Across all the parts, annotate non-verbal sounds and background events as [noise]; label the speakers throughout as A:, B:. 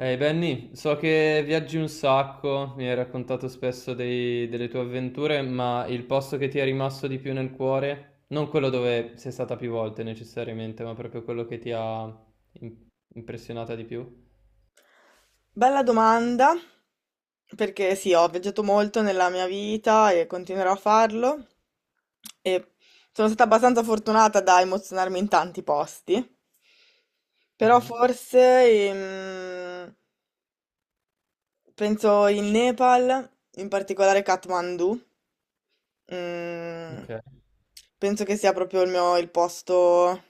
A: Ehi Benny, so che viaggi un sacco, mi hai raccontato spesso delle tue avventure, ma il posto che ti è rimasto di più nel cuore, non quello dove sei stata più volte necessariamente, ma proprio quello che ti ha im- impressionata di più?
B: Bella domanda, perché sì, ho viaggiato molto nella mia vita e continuerò a farlo e sono stata abbastanza fortunata da emozionarmi in tanti posti, però
A: Mhm.
B: forse penso in Nepal, in particolare Kathmandu, mm,
A: Ok.
B: penso che sia proprio il posto.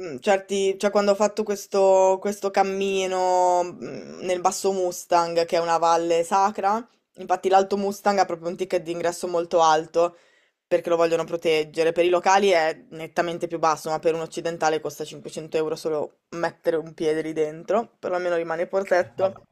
B: Certi, cioè quando ho fatto questo cammino nel Basso Mustang, che è una valle sacra, infatti l'Alto Mustang ha proprio un ticket d'ingresso molto alto perché lo vogliono proteggere. Per i locali è nettamente più basso, ma per un occidentale costa 500 euro solo mettere un piede lì dentro, però almeno rimane il
A: Ah,
B: portetto.
A: cavolo.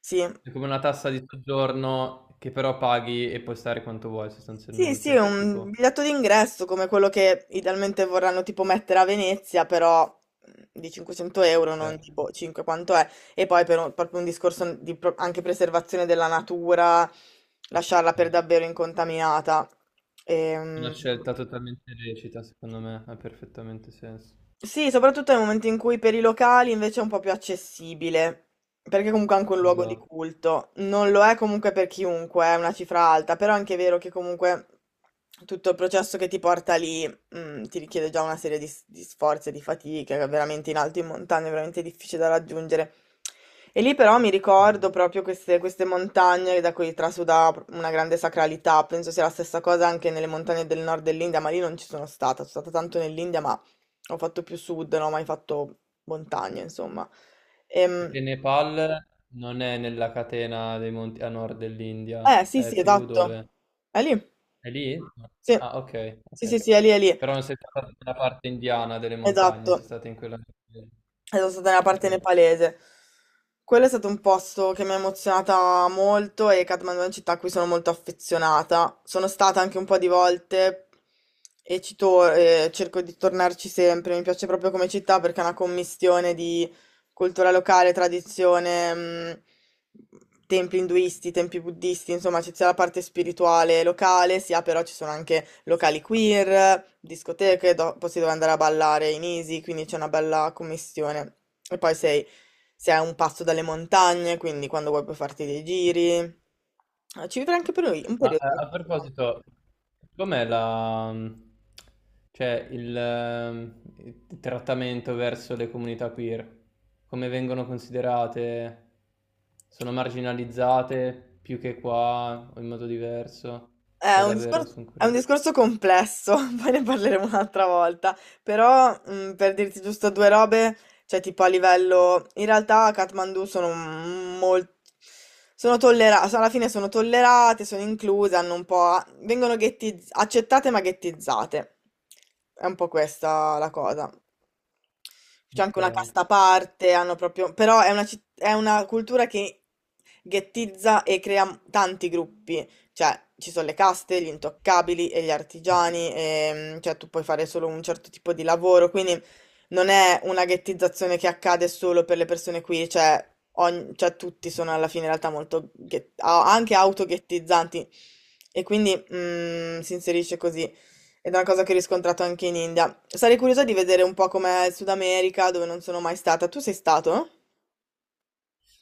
B: Sì,
A: È come una tassa di soggiorno che però paghi e puoi stare quanto vuoi
B: sì, sì, è
A: sostanzialmente,
B: un
A: tipo,
B: biglietto d'ingresso come quello che idealmente vorranno tipo mettere a Venezia, però di 500 euro, non
A: cioè,
B: di boh, 5 quanto è. E poi per un- proprio un discorso di pro- anche preservazione della natura, lasciarla per davvero incontaminata.
A: una
B: Ehm,
A: scelta totalmente lecita, secondo me, ha perfettamente senso.
B: Sì, soprattutto nel momento in cui per i locali invece è un po' più accessibile, perché comunque è anche un luogo di
A: Esatto.
B: culto. Non lo è comunque per chiunque, è una cifra alta, però è anche vero che comunque tutto il processo che ti porta lì, ti richiede già una serie di, s- di sforzi e di fatiche, che è veramente in alto in montagna, è veramente difficile da raggiungere. E lì però mi ricordo proprio queste montagne da cui trasuda una grande sacralità, penso sia la stessa cosa anche nelle montagne del nord dell'India, ma lì non ci sono stata tanto nell'India, ma ho fatto più sud, non ho mai fatto montagna, insomma. Ehm,
A: Perché Nepal non è nella catena dei monti a nord dell'India,
B: eh, sì,
A: è
B: sì,
A: più
B: esatto.
A: dove?
B: È lì?
A: È lì? No.
B: Sì.
A: Ah, ok,
B: Sì,
A: ok.
B: sì, sì, è lì, è lì.
A: Però non sei stata nella parte indiana delle
B: Esatto.
A: montagne, sei stata in quella...
B: E sono stata nella
A: Ok.
B: parte nepalese. Quello è stato un posto che mi ha emozionata molto e Kathmandu è una città a cui sono molto affezionata. Sono stata anche un po' di volte e ci tor- cerco di tornarci sempre. Mi piace proprio come città perché è una commistione di cultura locale, tradizione, templi induisti, templi buddisti, insomma, c'è sia la parte spirituale locale, sia però ci sono anche locali queer, discoteche, dopo si deve andare a ballare in Easy, quindi c'è una bella commissione. E poi sei, sei a un passo dalle montagne, quindi quando vuoi puoi farti dei giri. Ci vivrei anche per un
A: Ma
B: periodo.
A: a proposito, com'è la... cioè il, il trattamento verso le comunità queer? Come vengono considerate? Sono marginalizzate più che qua o in modo diverso? Cioè davvero, sono
B: È un
A: curioso.
B: discorso complesso, [laughs] poi ne parleremo un'altra volta, però per dirti giusto due robe, cioè tipo a livello, in realtà a Kathmandu sono molto, sono tollerate, alla fine sono tollerate, sono incluse, hanno un po', vengono ghettiz- accettate ma ghettizzate, è un po' questa la cosa. C'è
A: Ok.
B: anche una casta a parte, hanno proprio, però è una, citt- è una cultura che ghettizza e crea tanti gruppi. Cioè, ci sono le caste, gli intoccabili e gli artigiani, cioè tu puoi fare solo un certo tipo di lavoro, quindi non è una ghettizzazione che accade solo per le persone qui, cioè, ogn- cioè tutti sono alla fine in realtà molto, ghet- a- anche autoghettizzanti e quindi si inserisce così ed è una cosa che ho riscontrato anche in India. Sarei curiosa di vedere un po' com'è il Sud America, dove non sono mai stata. Tu sei stato?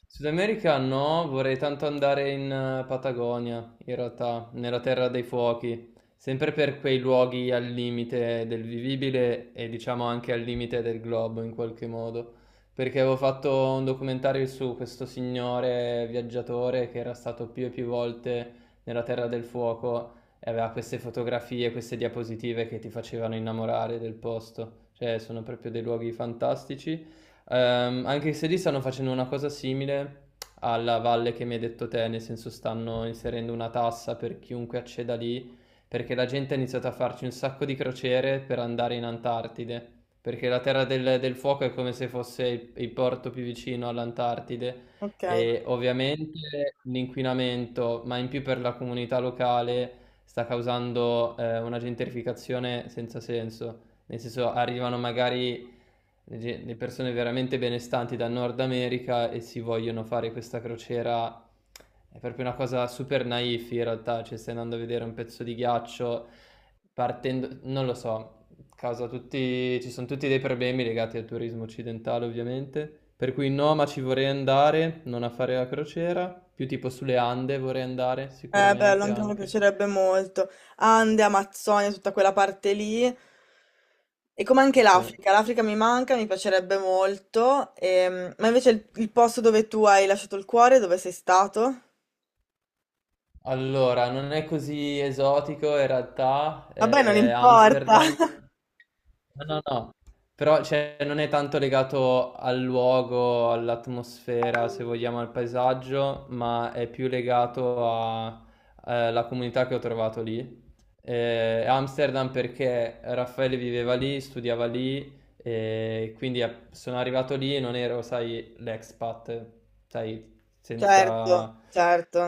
A: Sud America no, vorrei tanto andare in Patagonia, in realtà, nella Terra dei Fuochi, sempre per quei luoghi al limite del vivibile e diciamo anche al limite del globo in qualche modo, perché avevo fatto un documentario su questo signore viaggiatore che era stato più e più volte nella Terra del Fuoco e aveva queste fotografie, queste diapositive che ti facevano innamorare del posto, cioè sono proprio dei luoghi fantastici. Anche se lì stanno facendo una cosa simile alla valle che mi hai detto te, nel senso stanno inserendo una tassa per chiunque acceda lì, perché la gente ha iniziato a farci un sacco di crociere per andare in Antartide, perché la Terra del Fuoco è come se fosse il porto più vicino all'Antartide
B: Ok.
A: e ovviamente l'inquinamento, ma in più per la comunità locale, sta causando una gentrificazione senza senso, nel senso arrivano magari le persone veramente benestanti dal Nord America e si vogliono fare questa crociera. È proprio una cosa super naif in realtà, cioè stai andando a vedere un pezzo di ghiaccio partendo, non lo so, causa tutti, ci sono tutti dei problemi legati al turismo occidentale ovviamente, per cui no, ma ci vorrei andare, non a fare la crociera, più tipo sulle Ande vorrei andare
B: Bello,
A: sicuramente
B: anche a me
A: anche.
B: piacerebbe molto. Ande, Amazzonia, tutta quella parte lì. E come anche
A: Sì.
B: l'Africa, l'Africa mi manca, mi piacerebbe molto. Ma invece il posto dove tu hai lasciato il cuore, dove sei stato?
A: Allora, non è così esotico in realtà,
B: Vabbè, non importa.
A: Amsterdam.
B: [laughs]
A: No, no, no, però cioè, non è tanto legato al luogo, all'atmosfera, se vogliamo, al paesaggio, ma è più legato alla comunità che ho trovato lì. Amsterdam perché Raffaele viveva lì, studiava lì, e quindi sono arrivato lì e non ero, sai, l'expat, sai,
B: Certo,
A: senza.
B: certo.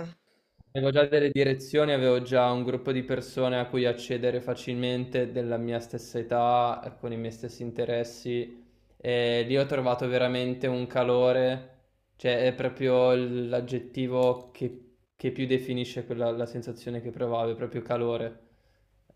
A: Avevo già delle direzioni, avevo già un gruppo di persone a cui accedere facilmente della mia stessa età, con i miei stessi interessi e lì ho trovato veramente un calore, cioè è proprio l'aggettivo che più definisce quella, la sensazione che provavo, è proprio calore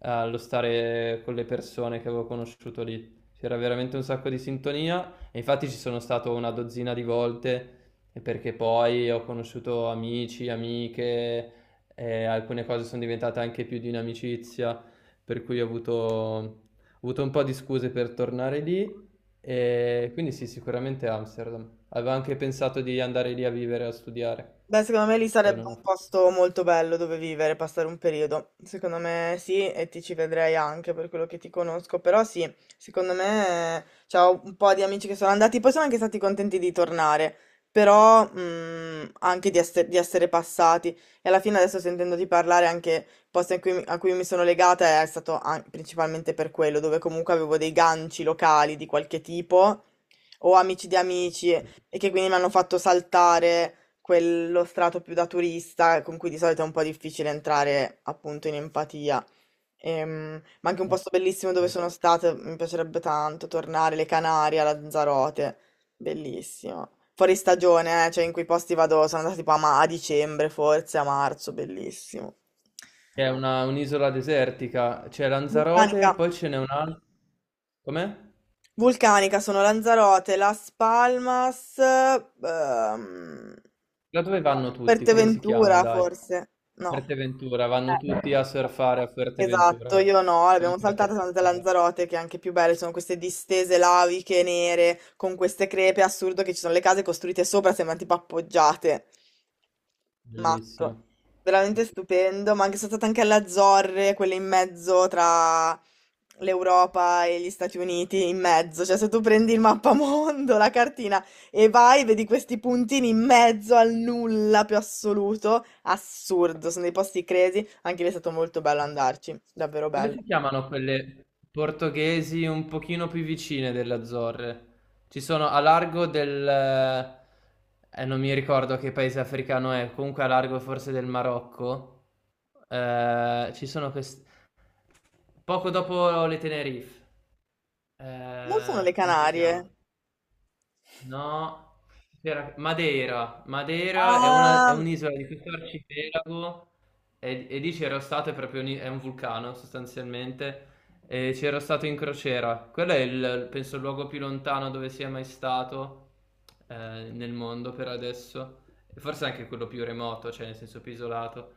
A: allo stare con le persone che avevo conosciuto lì. C'era veramente un sacco di sintonia e infatti ci sono stato una dozzina di volte e perché poi ho conosciuto amici, amiche e alcune cose sono diventate anche più di un'amicizia, per cui ho avuto un po' di scuse per tornare lì e quindi sì, sicuramente Amsterdam. Avevo anche pensato di andare lì a vivere, a studiare,
B: Beh, secondo me lì
A: poi
B: sarebbe
A: non ho
B: un
A: fatto.
B: posto molto bello dove vivere, passare un periodo. Secondo me sì, e ti ci vedrei anche per quello che ti conosco. Però sì, secondo me c'ho un po' di amici che sono andati, poi sono anche stati contenti di tornare, però anche di, esse- di essere passati. E alla fine adesso sentendoti parlare anche il posto in cui mi- a cui mi sono legata è stato an- principalmente per quello, dove comunque avevo dei ganci locali di qualche tipo, o amici di amici, e che quindi mi hanno fatto saltare quello strato più da turista con cui di solito è un po' difficile entrare appunto in empatia. Ma anche un
A: Eh,
B: posto bellissimo dove
A: ok.
B: sono stata, mi piacerebbe tanto tornare, le Canarie, a Lanzarote, bellissimo. Fuori stagione, cioè in quei posti vado, sono andata tipo a, ma- a dicembre forse, a marzo, bellissimo.
A: È un'isola desertica, c'è
B: Vulcanica.
A: Lanzarote, poi ce n'è un'altra. Com'è?
B: Vulcanica sono Lanzarote, Las Palmas,
A: Da dove vanno tutti? Come si chiama?
B: Fuerteventura
A: Dai.
B: forse, no.
A: Fuerteventura, vanno tutti a surfare
B: Eh.
A: a
B: Esatto,
A: Fuerteventura.
B: io no,
A: Quella
B: l'abbiamo saltata,
A: che
B: siamo andate a
A: pensavo.
B: Lanzarote, che è anche più belle, sono queste distese laviche nere con queste crepe, è assurdo che ci sono le case costruite sopra, sembrano tipo appoggiate. Matto.
A: Bellissimo. Sì, sì,
B: Veramente
A: sì.
B: stupendo, ma anche sono stata anche alle Azzorre, quelle in mezzo tra l'Europa e gli Stati Uniti, in mezzo, cioè se tu prendi il mappamondo, [laughs] la cartina e vai, vedi questi puntini in mezzo al nulla più assoluto, assurdo, sono dei posti crazy. Anche lì è stato molto bello andarci, davvero
A: Come
B: bello.
A: si chiamano quelle portoghesi un pochino più vicine delle Azzorre? Ci sono a largo del... non mi ricordo che paese africano è, comunque a largo forse del Marocco. Ci sono queste... Poco dopo le Tenerife.
B: Non sono le
A: Come si chiama?
B: Canarie.
A: No, Madeira. Madeira è è
B: Ah,
A: un'isola di questo arcipelago e lì c'ero stato, è proprio un, è un vulcano sostanzialmente, e c'ero stato in crociera. Quello è il, penso, il luogo più lontano dove sia mai stato nel mondo per adesso, e forse anche quello più remoto, cioè nel senso più isolato.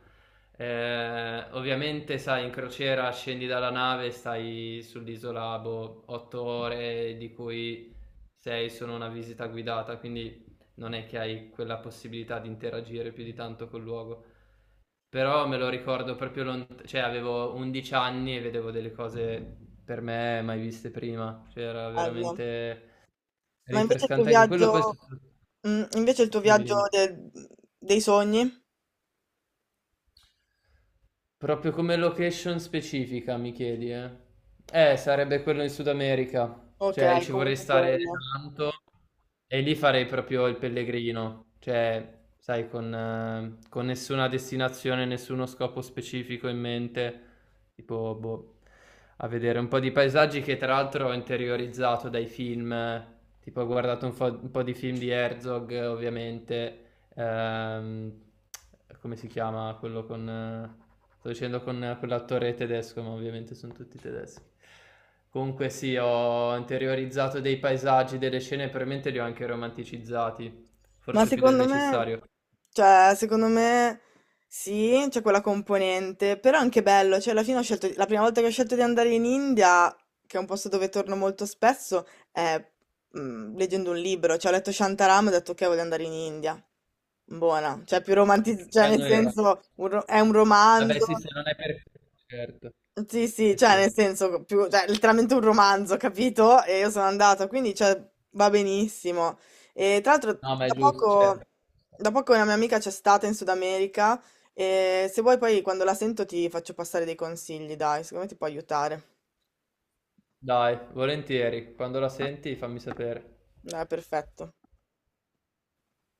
A: Ovviamente, sai, in crociera scendi dalla nave, stai sull'isola boh, 8 ore, di cui sei solo una visita guidata, quindi non è che hai quella possibilità di interagire più di tanto col luogo. Però me lo ricordo proprio lontano, cioè avevo 11 anni e vedevo delle cose per me mai viste prima, cioè era
B: bello.
A: veramente
B: Ma invece il tuo
A: rinfrescante anche quello, poi
B: viaggio, invece il tuo
A: dimmi
B: viaggio
A: dimmi.
B: de- dei sogni?
A: Proprio come location specifica, mi chiedi, eh? Sarebbe quello in Sud America.
B: Ok,
A: Cioè, ci vorrei
B: comunque
A: stare
B: quello.
A: tanto e lì farei proprio il pellegrino. Cioè, sai, con nessuna destinazione, nessuno scopo specifico in mente. Tipo, boh, a vedere un po' di paesaggi che tra l'altro ho interiorizzato dai film. Eh. Tipo, ho guardato un un po' di film di Herzog, ovviamente. Ehm, Come si chiama quello con... Sto dicendo con quell'attore tedesco, ma ovviamente sono tutti tedeschi. Comunque sì, ho interiorizzato dei paesaggi, delle scene, probabilmente li ho anche romanticizzati,
B: Ma
A: forse più del
B: secondo me,
A: necessario.
B: cioè, secondo me sì, c'è quella componente, però è anche bello, cioè alla fine ho scelto, la prima volta che ho scelto di andare in India, che è un posto dove torno molto spesso, è leggendo un libro, cioè ho letto Shantaram e ho detto ok, voglio andare in India. Buona, cioè più romantizzata,
A: Che
B: cioè nel
A: anno era?
B: senso un ro- è un
A: Vabbè
B: romanzo.
A: sì, se non è per... Certo,
B: Sì, sì,
A: sì,
B: cioè
A: sì.
B: nel senso, più, cioè, letteralmente un romanzo, capito? E io sono andata, quindi cioè, va benissimo. E tra l'altro,
A: No, ma
B: da
A: è giusto, cioè.
B: poco, da poco una mia amica c'è stata in Sud America e se vuoi poi quando la sento ti faccio passare dei consigli, dai, secondo me ti può aiutare.
A: Dai, volentieri, quando la senti fammi sapere.
B: Dai, perfetto.